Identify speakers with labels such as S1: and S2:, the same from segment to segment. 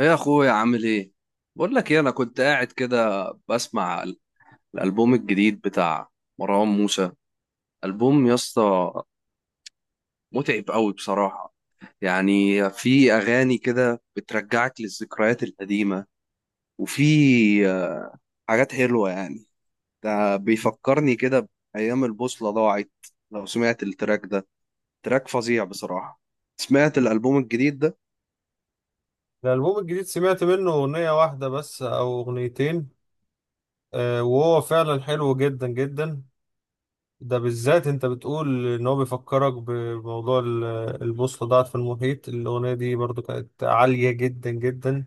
S1: ايه يا اخويا عامل ايه؟ بقول لك ايه، انا كنت قاعد كده بسمع الالبوم الجديد بتاع مروان موسى. البوم يا اسطى متعب قوي بصراحه، يعني في اغاني كده بترجعك للذكريات القديمه، وفي آه، حاجات حلوه يعني. ده بيفكرني كده بايام البوصله ضاعت. لو سمعت التراك ده، تراك فظيع بصراحه. سمعت الالبوم الجديد ده؟
S2: الألبوم الجديد سمعت منه أغنية واحدة بس أو أغنيتين. وهو فعلا حلو جدا جدا. ده بالذات أنت بتقول إن هو بيفكرك بموضوع البوصلة ضاعت في المحيط. الأغنية دي برضو كانت عالية جدا جدا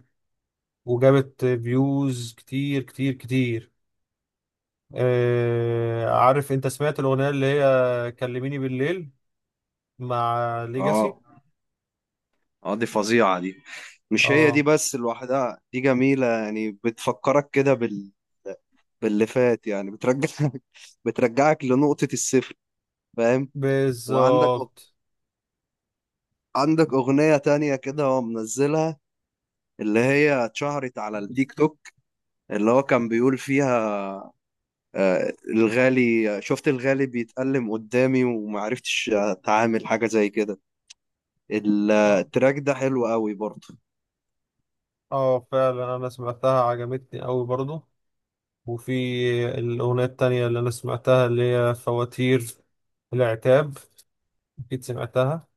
S2: وجابت فيوز كتير كتير. عارف أنت سمعت الأغنية اللي هي كلميني بالليل مع ليجاسي.
S1: اه. اه دي فظيعه دي. مش هي دي
S2: اه
S1: بس لوحدها، دي جميلة يعني بتفكرك كده باللي فات، يعني بترجعك بترجعك لنقطة الصفر. فاهم؟ وعندك
S2: بالظبط.
S1: عندك أغنية تانية كده هو منزلها، اللي هي اتشهرت على التيك توك، اللي هو كان بيقول فيها، الغالي شفت الغالي بيتألم قدامي ومعرفتش أتعامل حاجة زي كده.
S2: اه،
S1: التراك ده حلو قوي برضه.
S2: فعلا أنا سمعتها عجبتني أوي برضو. وفي الأغنية التانية اللي أنا سمعتها اللي هي فواتير العتاب، أكيد سمعتها.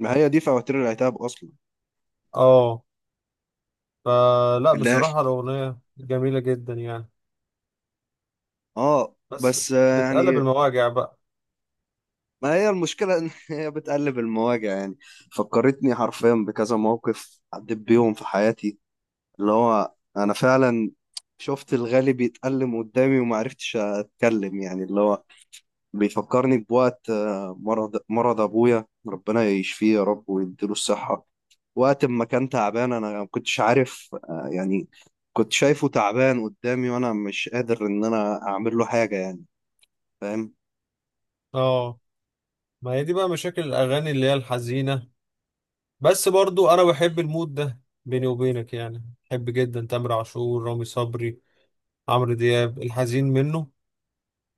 S1: ما هي دي فواتير العتاب أصلا.
S2: اه، فلا
S1: اللي هي-
S2: بصراحة الأغنية جميلة جدا يعني،
S1: اه
S2: بس
S1: بس
S2: بتقلب
S1: يعني
S2: المواجع بقى.
S1: ما هي المشكلة إن هي بتقلب المواجع يعني. فكرتني حرفيا بكذا موقف عديت بيهم في حياتي، اللي هو أنا فعلا شفت الغالي بيتألم قدامي وما عرفتش أتكلم، يعني اللي هو بيفكرني بوقت مرض أبويا، ربنا يشفيه يا رب ويديله الصحة. وقت ما كان تعبان أنا ما كنتش عارف يعني كنت شايفه تعبان قدامي وأنا مش قادر إن أنا أعمل له حاجة يعني. فاهم؟
S2: اه، ما هي دي بقى مشاكل الأغاني اللي هي الحزينة، بس برضو أنا بحب المود ده بيني وبينك يعني. بحب جدا تامر عاشور، رامي صبري، عمرو دياب الحزين منه.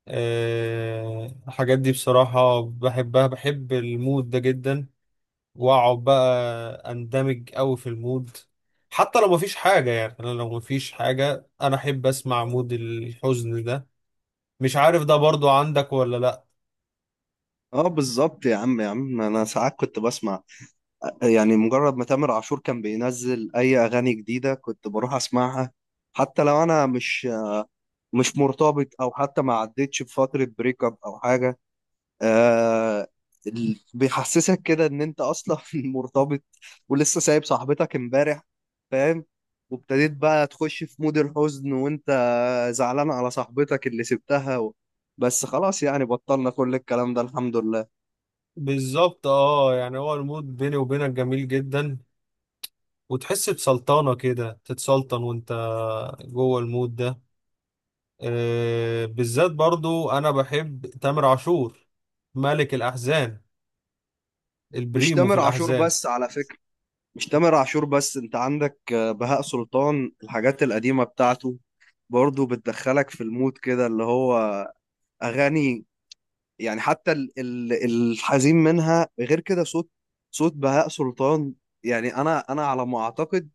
S2: الحاجات دي بصراحة بحبها، بحب المود ده جدا. واقعد بقى اندمج قوي في المود حتى لو مفيش حاجة. يعني انا لو مفيش حاجة انا احب اسمع مود الحزن ده. مش عارف ده برضو عندك ولا لا.
S1: اه بالظبط. يا عم انا ساعات كنت بسمع، يعني مجرد ما تامر عاشور كان بينزل اي اغاني جديده كنت بروح اسمعها، حتى لو انا مش مرتبط او حتى ما عدتش بفتره بريك اب او حاجه. آه، بيحسسك كده ان انت اصلا مرتبط ولسه سايب صاحبتك امبارح. فاهم؟ وابتديت بقى تخش في مود الحزن وانت زعلان على صاحبتك اللي سبتها و... بس خلاص يعني، بطلنا كل الكلام ده، الحمد لله.
S2: بالظبط. اه، يعني هو المود بيني وبينك جميل جدا، وتحس بسلطنة كده، تتسلطن وانت جوه المود ده. آه، بالذات برضو انا بحب تامر عاشور، ملك الاحزان،
S1: مش
S2: البريمو في
S1: تامر عاشور
S2: الاحزان.
S1: بس على فكرة. مش تامر عاشور بس، انت عندك بهاء سلطان، الحاجات القديمة بتاعته برضو بتدخلك في المود كده، اللي هو أغاني يعني. حتى الحزين منها غير كده. صوت، صوت بهاء سلطان يعني، أنا على ما أعتقد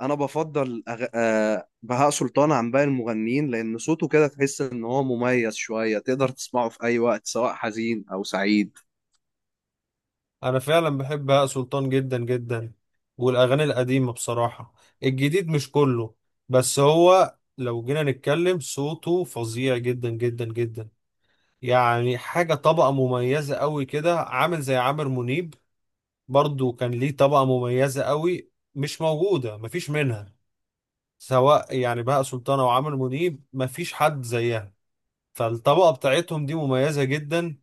S1: أنا بفضل بهاء سلطان عن باقي المغنيين، لأن صوته كده تحس إن هو مميز شوية، تقدر تسمعه في أي وقت، سواء حزين أو سعيد.
S2: انا فعلا بحب بهاء سلطان جدا جدا، والاغاني القديمه بصراحه. الجديد مش كله، بس هو لو جينا نتكلم صوته فظيع جدا جدا جدا. يعني حاجه طبقه مميزه قوي كده، عامل زي عامر منيب. برضو كان ليه طبقه مميزه قوي مش موجوده، مفيش منها. سواء يعني بهاء سلطان او عامر منيب، مفيش حد زيها. فالطبقه بتاعتهم دي مميزه جدا،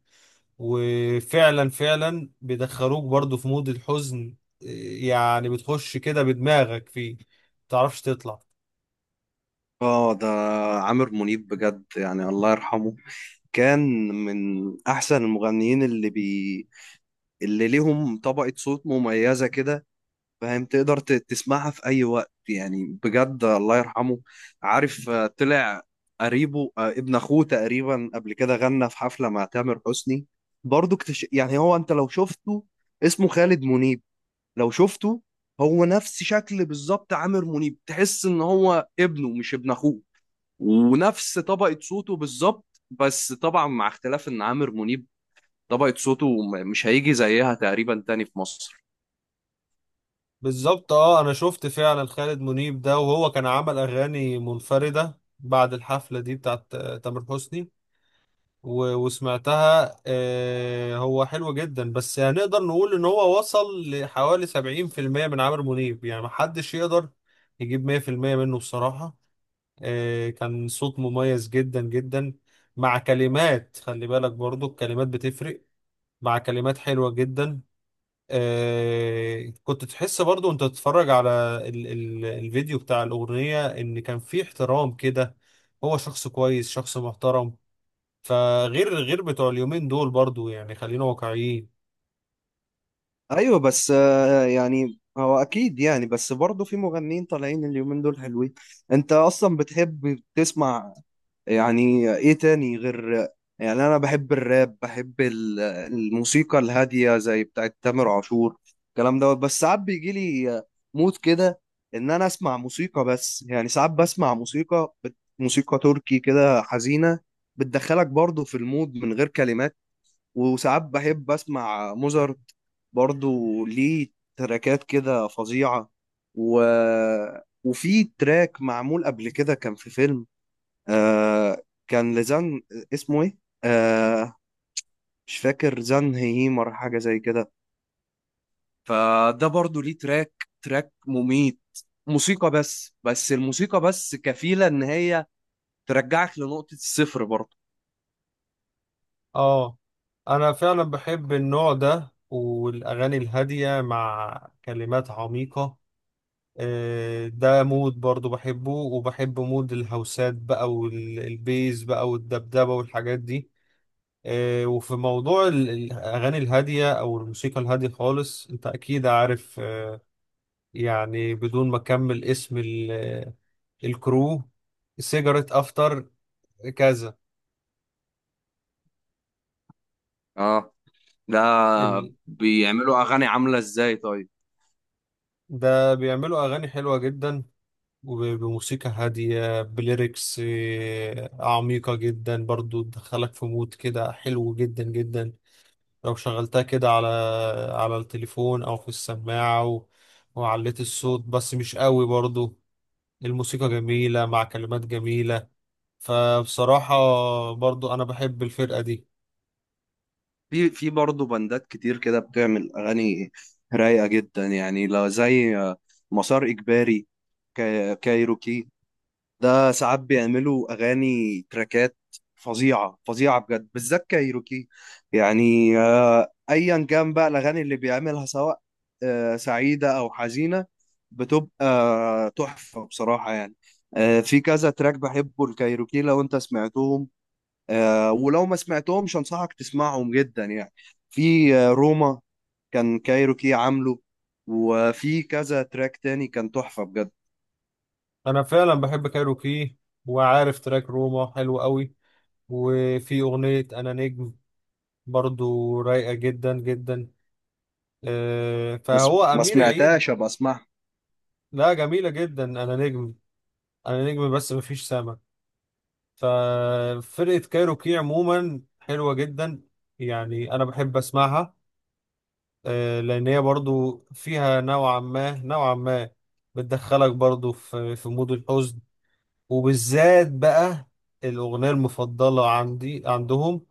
S2: وفعلا فعلا بيدخلوك برضو في مود الحزن. يعني بتخش كده بدماغك فيه متعرفش تطلع.
S1: آه ده عامر منيب بجد يعني، الله يرحمه. كان من احسن المغنيين اللي ليهم طبقة صوت مميزة كده. فاهم؟ تقدر تسمعها في اي وقت، يعني بجد الله يرحمه. عارف طلع قريبه ابن اخوه تقريبا، قبل كده غنى في حفلة مع تامر حسني برضو. يعني هو، انت لو شفته، اسمه خالد منيب، لو شفته، هو نفس شكل بالظبط عامر منيب، تحس ان هو ابنه مش ابن اخوه. ونفس طبقة صوته بالظبط، بس طبعا مع اختلاف ان عامر منيب طبقة صوته مش هيجي زيها تقريبا تاني في مصر.
S2: بالظبط. اه، انا شفت فعلا خالد منيب ده، وهو كان عمل اغاني منفردة بعد الحفلة دي بتاعت تامر حسني. وسمعتها. هو حلو جدا، بس هنقدر نقول ان هو وصل لحوالي 70% من عمرو منيب. يعني محدش يقدر يجيب 100% منه بصراحة. كان صوت مميز جدا جدا، مع كلمات، خلي بالك برضو الكلمات بتفرق، مع كلمات حلوة جدا. كنت تحس برضو وانت تتفرج على ال الفيديو بتاع الأغنية ان كان في احترام كده. هو شخص كويس، شخص محترم. فغير غير بتوع اليومين دول برضو، يعني خلينا واقعيين.
S1: ايوه بس يعني هو اكيد يعني، بس برضه في مغنيين طالعين اليومين دول حلوين. انت اصلا بتحب تسمع يعني ايه تاني غير، يعني انا بحب الراب، بحب الموسيقى الهاديه زي بتاعت تامر عاشور، الكلام دوت. بس ساعات بيجي لي مود كده ان انا اسمع موسيقى بس، يعني ساعات بسمع موسيقى موسيقى تركي كده حزينه، بتدخلك برضو في المود من غير كلمات. وساعات بحب اسمع موزارت، برضو ليه تراكات كده فظيعه و... وفي تراك معمول قبل كده، كان في فيلم، آه، كان لزان، اسمه ايه، آه، مش فاكر، زان هيمر حاجة زي كده. فده برضو ليه تراك مميت. موسيقى بس، بس الموسيقى بس كفيلة ان هي ترجعك لنقطة الصفر برضو.
S2: اه، انا فعلا بحب النوع ده، والاغاني الهادية مع كلمات عميقة. ده مود برضو بحبه، وبحب مود الهوسات بقى والبيز بقى والدبدبة والحاجات دي. وفي موضوع الأغاني الهادية أو الموسيقى الهادية خالص، أنت أكيد عارف. يعني بدون ما أكمل اسم الكرو سيجرت أفتر كذا.
S1: اه ده
S2: ال-
S1: بيعملوا اغاني عاملة ازاي طيب؟
S2: ده بيعملوا أغاني حلوة جدا، وبموسيقى هادية، بليركس عميقة جدا، برضو تدخلك في مود كده حلو جدا جدا. لو شغلتها كده على على التليفون او في السماعة و... وعليت الصوت، بس مش قوي برضو. الموسيقى جميلة مع كلمات جميلة. فبصراحة برضو انا بحب الفرقة دي.
S1: في برضه بندات كتير كده بتعمل اغاني رايقة جدا يعني، لا زي مسار اجباري، كايروكي. ده ساعات بيعملوا اغاني، تراكات فظيعه فظيعه بجد، بالذات كايروكي. يعني ايا كان بقى الاغاني اللي بيعملها، سواء سعيده او حزينه، بتبقى تحفه بصراحه يعني. في كذا تراك بحبه الكايروكي، لو انت سمعتهم، ولو ما سمعتهمش انصحك تسمعهم جدا يعني. في روما، كان كايروكي عامله، وفي كذا تراك تاني كان تحفه بجد.
S2: انا فعلا بحب كايروكي، وعارف تراك روما حلو قوي. وفي اغنية انا نجم برضو رايقة جدا جدا.
S1: بس
S2: فهو
S1: ما
S2: امير عيد.
S1: سمعتهاش، ابقى اسمعها.
S2: لا جميلة جدا، انا نجم. انا نجم بس مفيش سما. ففرقة كايروكي عموما حلوة جدا، يعني أنا بحب أسمعها. لأن هي برضو فيها نوعا ما بتدخلك برضو في في مود الحزن. وبالذات بقى الأغنية المفضلة عندي عندهم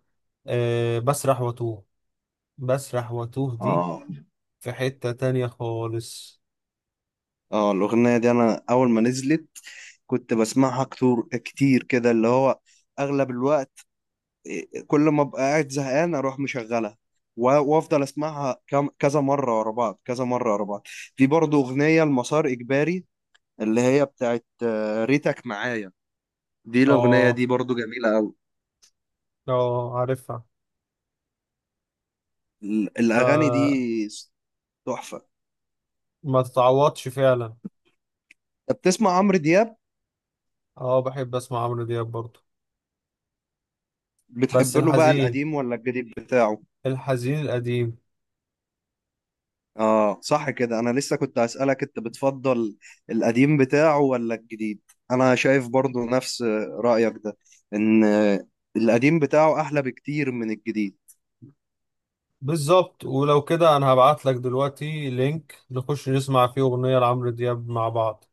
S2: بسرح واتوه. بسرح واتوه دي
S1: اه.
S2: في حتة تانية خالص.
S1: اه الأغنية دي أنا أول ما نزلت كنت بسمعها كتير كتير كده، اللي هو أغلب الوقت، كل ما أبقى قاعد زهقان أروح مشغلها و- وأفضل أسمعها كذا مرة ورا بعض، كذا مرة ورا بعض. في برضه أغنية المسار إجباري، اللي هي بتاعت ريتك معايا. دي الأغنية
S2: اه.
S1: دي برضه جميلة أوي.
S2: اه، عارفها.
S1: الأغاني
S2: فما
S1: دي تحفة.
S2: تتعوضش فعلا.
S1: أنت بتسمع عمرو دياب؟
S2: اه، بحب اسمع عمرو دياب برضو. بس
S1: بتحب له بقى
S2: الحزين،
S1: القديم ولا الجديد بتاعه؟
S2: الحزين القديم.
S1: اه صح كده، انا لسه كنت هسألك انت بتفضل القديم بتاعه ولا الجديد. انا شايف برضو نفس رأيك ده، ان القديم بتاعه احلى بكتير من الجديد.
S2: بالظبط. ولو كده انا هبعت لك دلوقتي لينك نخش نسمع فيه اغنية لعمرو دياب مع بعض.